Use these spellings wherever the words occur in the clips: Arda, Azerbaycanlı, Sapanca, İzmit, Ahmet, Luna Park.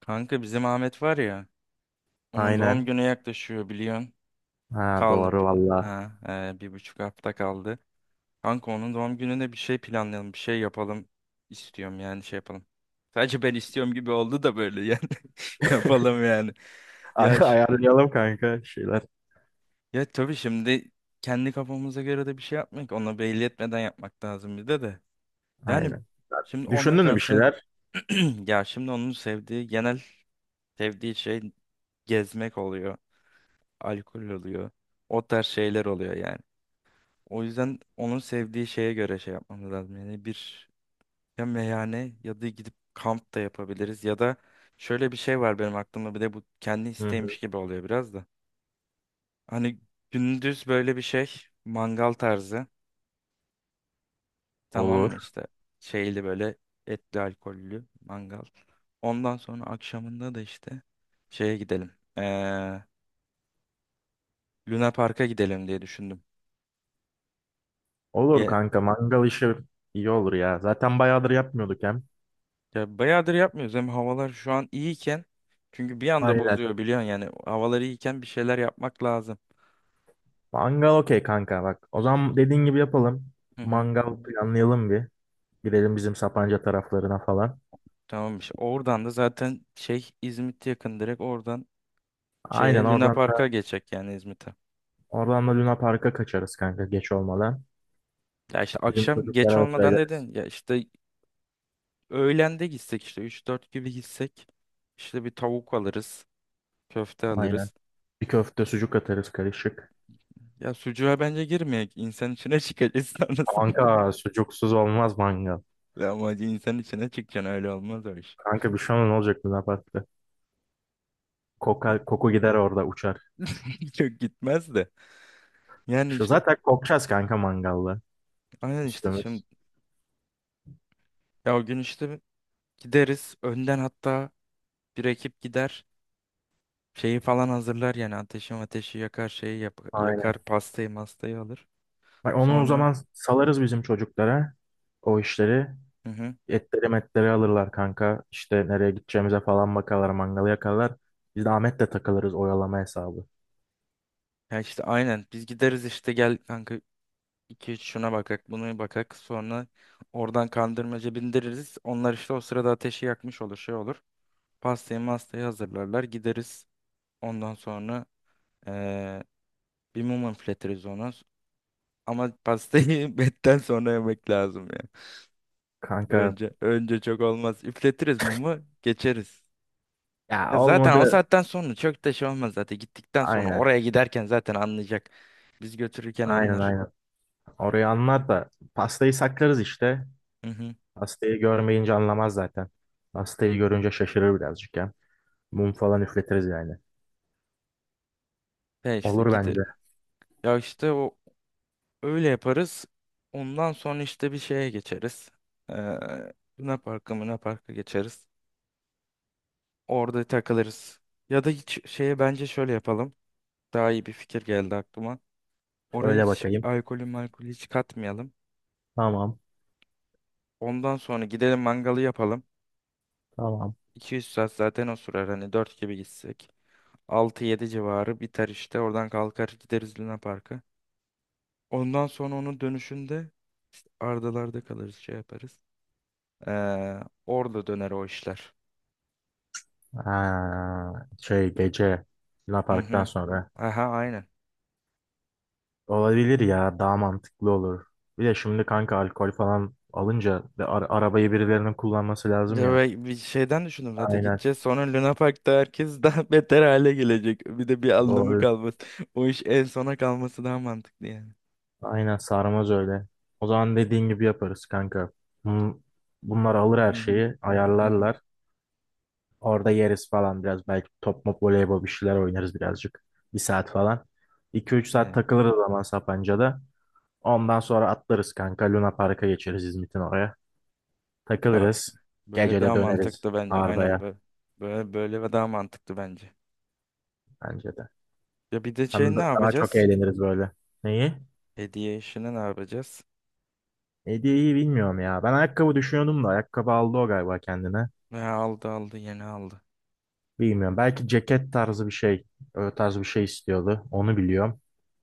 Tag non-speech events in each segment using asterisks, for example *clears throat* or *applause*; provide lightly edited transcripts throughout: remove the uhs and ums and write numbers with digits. Kanka bizim Ahmet var ya. Onun doğum Aynen. günü yaklaşıyor biliyorsun. Ha Kaldı doğru bi- valla. ha e, Bir buçuk hafta kaldı. Kanka onun doğum gününe bir şey planlayalım, bir şey yapalım istiyorum yani şey yapalım. Sadece ben istiyorum gibi oldu da böyle yani *laughs* yapalım *laughs* yani. Ya ş- Ayarlayalım kanka şeyler. ya tabii şimdi kendi kafamıza göre de bir şey yapmak, ona belli etmeden yapmak lazım bir de. Yani Aynen. şimdi ona Düşündün mü bir kalsa şeyler? *clears throat* ya şimdi onun sevdiği genel sevdiği şey gezmek oluyor. Alkol oluyor. O tarz şeyler oluyor yani. O yüzden onun sevdiği şeye göre şey yapmamız lazım. Yani bir ya meyhane ya da gidip kamp da yapabiliriz ya da şöyle bir şey var benim aklımda bir de bu kendi Hı hı. isteğiymiş gibi oluyor biraz da. Hani gündüz böyle bir şey mangal tarzı tamam mı Olur. işte şeyli böyle etli alkollü mangal. Ondan sonra akşamında da işte şeye gidelim. Ee, Luna Park'a gidelim diye düşündüm. Olur kanka mangal işi iyi olur ya. Zaten bayağıdır yapmıyorduk hem. Ya bayağıdır yapmıyoruz. Hem havalar şu an iyiyken çünkü bir anda Aynen. bozuyor biliyorsun yani havalar iyiyken bir şeyler yapmak lazım. Mangal okey kanka bak. O zaman dediğin gibi yapalım. Hı hı. Mangal planlayalım bir. Gidelim bizim Sapanca taraflarına falan. Tamammış. Oradan da zaten şey İzmit yakın direkt oradan Aynen şeye Luna oradan da, Park'a geçecek yani İzmit'e. oradan da Luna Park'a kaçarız kanka geç olmadan. Ya işte Bizim akşam geç çocuklara da olmadan söyleriz. dedin. Ya işte öğlende gitsek işte üç dört gibi gitsek işte bir tavuk alırız, köfte Aynen. alırız. Bir köfte sucuk atarız karışık. Ya sucuğa bence girmeyek. İnsan içine çıkacağız sonrasında. Kanka sucuksuz olmaz mangal. *laughs* Ama insan içine çıkacaksın öyle olmaz o iş. Kanka bir şey olmaz, ne olacak Luna Park'ta? Koka, koku gider orada uçar. *laughs* Çok gitmez de. Yani Şu işte zaten kokacağız kanka mangalda aynen işte şimdi üstümüz. ya o gün işte gideriz önden hatta bir ekip gider şeyi falan hazırlar yani ateşi yakar yakar Aynen. pastayı mastayı alır. Bak onu o Sonra zaman salarız bizim çocuklara. O işleri. hı hı. Etleri metleri alırlar kanka. İşte nereye gideceğimize falan bakarlar. Mangalı yakarlar. Biz de Ahmet'le takılırız oyalama hesabı. Ya işte aynen biz gideriz işte gel kanka iki üç şuna bakak bunu bakak sonra oradan kandırmaca bindiririz. Onlar işte o sırada ateşi yakmış olur şey olur. Pastayı mastayı hazırlarlar gideriz ondan sonra eee, bir mum üfletiriz ona. Ama pastayı *laughs* betten sonra yemek lazım ya. Kanka Önce çok olmaz. Üfletiriz mumu, geçeriz. ya Ya zaten o olmadı. saatten sonra çok da şey olmaz zaten. Gittikten sonra Aynen. oraya giderken zaten anlayacak. Biz götürürken Aynen anlar. aynen. Orayı anlar da pastayı saklarız işte. Hı hı. Pastayı görmeyince anlamaz zaten. Pastayı görünce şaşırır birazcık ya. Mum falan üfletiriz yani. Ya işte Olur gide. bence. Ya işte o öyle yaparız. Ondan sonra işte bir şeye geçeriz. Ee, Luna Park'a geçeriz. Orada takılırız. Ya da hiç şeye bence şöyle yapalım. Daha iyi bir fikir geldi aklıma. Oraya Şöyle hiç bakayım. alkolü malkolü hiç katmayalım. Tamam. Ondan sonra gidelim mangalı yapalım. Tamam. 200 saat zaten o sürer hani 4 gibi gitsek. Altı yedi civarı biter işte. Oradan kalkar gideriz Luna Park'a. Ondan sonra onun dönüşünde Ardalar'da kalırız şey yaparız. Ee, Orada döner o işler. Ha, şey gece Luna Hı Park'tan hı. sonra. Aha aynen. Olabilir ya. Daha mantıklı olur. Bir de şimdi kanka alkol falan alınca ve arabayı birilerinin kullanması lazım Ya ya. ve bir şeyden düşündüm zaten Aynen. gideceğiz. Sonra Luna Park'ta herkes daha *laughs* beter hale gelecek. Bir de bir anlamı Doğru. kalmaz. *laughs* O iş en sona kalması daha mantıklı yani. Aynen sarmaz öyle. O zaman dediğin gibi yaparız kanka. Bun- Bunlar alır her Hı hı. şeyi. Hı hı. Ayarlarlar. Orada yeriz falan biraz. Belki top mop voleybol bir şeyler oynarız birazcık. Bir saat falan. 2 üç saat Ne? takılırız zaman Sapanca'da. Ondan sonra atlarız kanka. Luna Park'a geçeriz İzmit'in oraya. Ya Takılırız. böyle Gece de daha döneriz mantıklı bence. Aynen Arda'ya böyle. Böyle böyle ve daha mantıklı bence. bence de. Ya bir de şey Hem ne de daha çok yapacağız? eğleniriz böyle. Neyi? Hediye işini ne yapacağız? Hediyeyi bilmiyorum ya. Ben ayakkabı düşünüyordum da ayakkabı aldı o galiba kendine. Ya aldı aldı yeni aldı. Bilmiyorum. Belki ceket tarzı bir şey. Öyle tarz bir şey istiyordu. Onu biliyorum.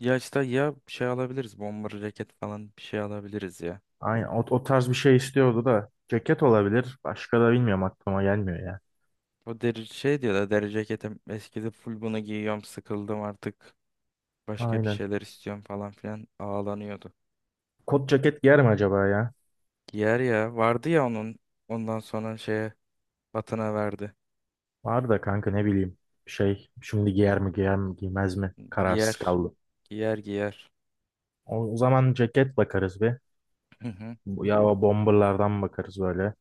Ya işte ya bir şey alabiliriz. Bomber ceket falan bir şey alabiliriz ya. Aynen o, o tarz bir şey istiyordu da. Ceket olabilir. Başka da bilmiyorum aklıma gelmiyor ya. O deri şey diyor da deri ceketim eskidi full bunu giyiyorum sıkıldım artık. Başka bir Aynen. şeyler istiyorum falan filan ağlanıyordu. Kot ceket giyer mi acaba ya? Giyer ya vardı ya onun ondan sonra şeye Batına verdi. Var da kanka ne bileyim şey şimdi giyer mi giyer mi giymez mi kararsız Giyer kaldım. giyer giyer. O, o zaman ceket bakarız bir. *laughs* Ya o bomberlardan bakarız böyle.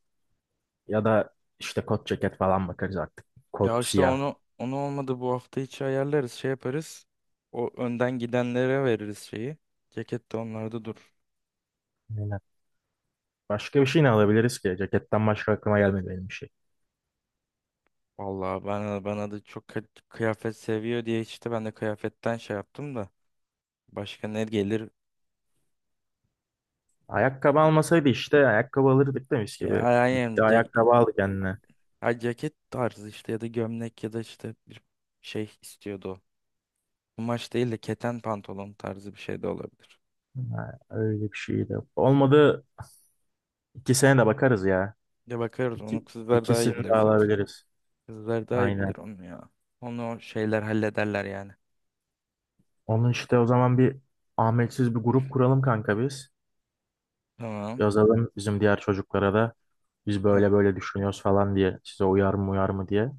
Ya da işte kot ceket falan bakarız artık. Ya Kot işte siyah. onu onu olmadı bu hafta içi ayarlarız şey yaparız. O önden gidenlere veririz şeyi. Ceket de onlarda dur. Aynen. Başka bir şey ne alabiliriz ki? Ceketten başka aklıma gelmedi benim bir şey. Vallahi bana da çok kıyafet seviyor diye işte ben de kıyafetten şey yaptım da. Başka ne gelir? Ayakkabı almasaydı işte ayakkabı alırdık demiş gibi. Ya Gitti yani ce- ayakkabı aldı kendine. ha, Ceket tarzı işte ya da gömlek ya da işte bir şey istiyordu o. Kumaş değil de keten pantolon tarzı bir şey de olabilir. Ha, öyle bir şey de. Olmadı ikisine de bakarız ya. Ya bakarız onu İki, kızlar daha iyi ikisini de bilir zaten. alabiliriz. Kızlar daha iyi Aynen. bilir onu ya. Onu şeyler hallederler yani. Onun işte o zaman bir Ahmetsiz bir grup kuralım kanka biz. Tamam. Yazalım bizim diğer çocuklara da biz Ha. böyle böyle düşünüyoruz falan diye. Size uyar mı uyar mı diye.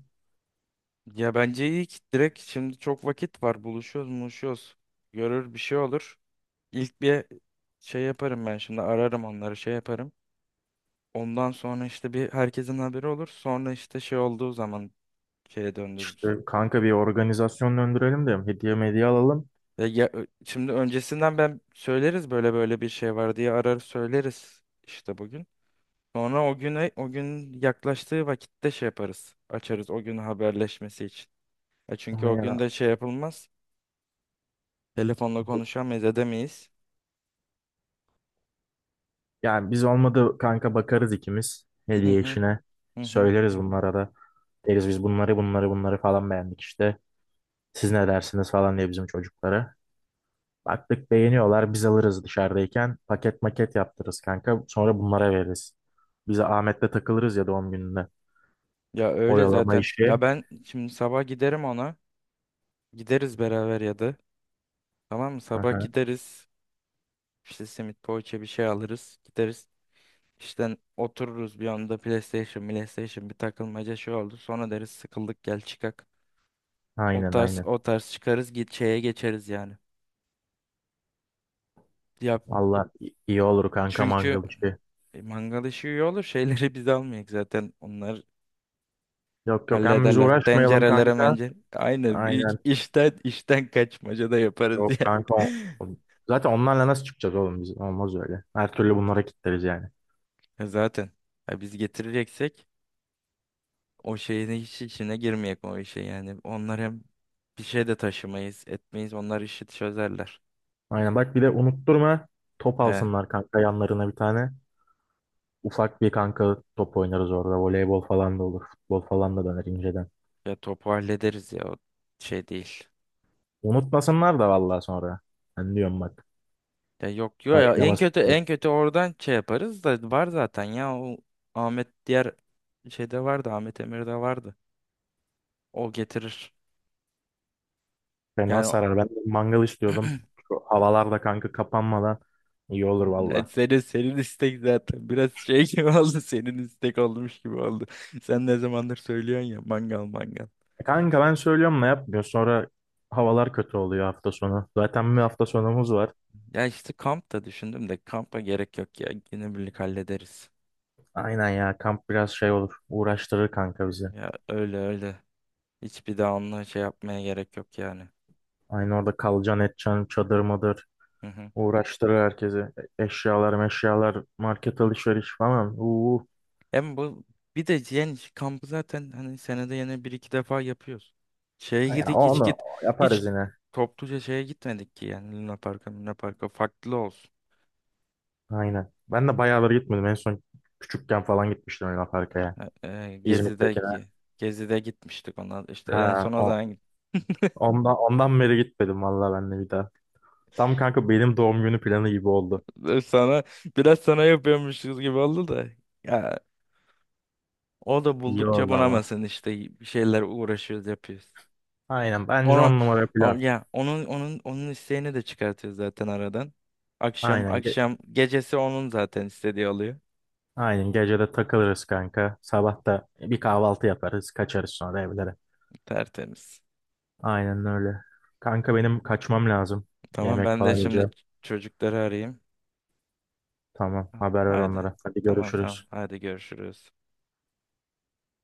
Ya bence iyi ki direkt şimdi çok vakit var. Buluşuyoruz, buluşuyoruz. Görür bir şey olur. İlk bir şey yaparım ben şimdi ararım onları şey yaparım. Ondan sonra işte bir herkesin haberi olur. Sonra işte şey olduğu zaman şeye İşte döndürürüz. kanka bir organizasyon döndürelim de hediye medya alalım. Şimdi öncesinden ben söyleriz böyle böyle bir şey var diye arar söyleriz işte bugün. Sonra o gün yaklaştığı vakitte şey yaparız. Açarız o gün haberleşmesi için. Ya çünkü o gün Aynen. de şey yapılmaz. Telefonla konuşamayız, edemeyiz. Yani biz olmadı kanka bakarız ikimiz Hı hediye hı işine. hı hı. Söyleriz bunlara da. Deriz biz bunları bunları bunları falan beğendik işte. Siz ne dersiniz falan diye bizim çocuklara. Baktık beğeniyorlar biz alırız dışarıdayken paket maket yaptırırız kanka sonra bunlara veririz. Bize Ahmet'le takılırız ya doğum gününde. Ya öyle Oyalama zaten. işi. Ya ben şimdi sabah giderim ona. Gideriz beraber ya da. Tamam mı? Sabah Aha, gideriz. İşte simit poğaça bir şey alırız. Gideriz. İşte otururuz bir anda PlayStation bir takılmaca şey oldu. Sonra deriz sıkıldık gel çıkak. O aynen tarz aynen. o tarz çıkarız git şeye geçeriz yani. Ya Allah iyi olur kanka çünkü mangal işi. Mangal işi iyi olur. *laughs* Şeyleri biz almayak zaten. Onlar Yok yok hem biz hallederler. uğraşmayalım Tencerelere kanka. mencere. Aynen. Büyük Aynen işten kaçmaca da yaparız yok ya. kanka. *laughs* O- Zaten onlarla nasıl çıkacağız oğlum biz? Olmaz öyle. Her türlü bunlara kitleriz yani. Ya zaten. Ya biz getireceksek o şeyin hiç içine girmeyek o işe yani. Onlar hem bir şey de taşımayız, etmeyiz. Onlar işi çözerler. Aynen bak bir de unutturma top He. alsınlar kanka yanlarına bir tane. Ufak bir kanka top oynarız orada. Voleybol falan da olur. Futbol falan da döner inceden. Ya topu hallederiz ya. O şey değil. Unutmasınlar da vallahi sonra. Ben diyorum bak. Ya yok yok. En Kaynaması kötü en kötü oradan şey yaparız da var zaten ya. O Ahmet diğer şeyde vardı. Ahmet Emir'de vardı. O getirir. fena Yani sarar. Ben de mangal istiyordum. Şu havalarda kanka kapanmadan iyi olur valla. Senin istek zaten biraz şey gibi *laughs* oldu senin istek olmuş gibi oldu. Sen ne zamandır söylüyorsun ya mangal. Kanka ben söylüyorum ne yapmıyor. Sonra havalar kötü oluyor hafta sonu. Zaten bir hafta sonumuz var. Ya işte kamp da düşündüm de kampa gerek yok ya günübirlik hallederiz. Aynen ya kamp biraz şey olur. Uğraştırır kanka bizi. Ya öyle hiçbir daha onunla şey yapmaya gerek yok yani. Aynı orada kalacaksın edeceksin çadır mıdır. Hı hı. Uğraştırır herkesi. Eşyalar meşyalar market alışveriş falan. Uuu. Hem bu bir de yani şu kampı zaten hani senede yine bir iki defa yapıyoruz. Şeye gidi Ya hiç onu git Hiç yaparız yine. topluca şeye gitmedik ki yani Luna Park'a farklı olsun. Aynen. Ben de bayağıları gitmedim. En son küçükken falan gitmiştim Luna Park'a. E, e, Gezi'de İzmit'tekine. gi- Gezi'de gitmiştik ona. İşte en Ha, son o o, zaman gittik. ondan, ondan beri gitmedim valla ben de bir daha. Tam kanka benim doğum günü planı gibi oldu. Sana *laughs* biraz sana yapıyormuşuz gibi oldu da. Ya o da İyi buldukça oldu ama. bunamasın işte bir şeyler uğraşıyoruz yapıyoruz. Aynen bence Onu on numara plan. Onun isteğini de çıkartıyoruz zaten aradan. Akşam Aynen. Akşam gecesi onun zaten istediği oluyor. Aynen gecede takılırız kanka. Sabah da bir kahvaltı yaparız. Kaçarız sonra evlere. Tertemiz. Aynen öyle. Kanka benim kaçmam lazım. Tamam Yemek ben de falan şimdi yiyeceğim. çocukları arayayım. Tamam Ah, haber ver haydi. onlara. Hadi Tamam. görüşürüz. Haydi görüşürüz.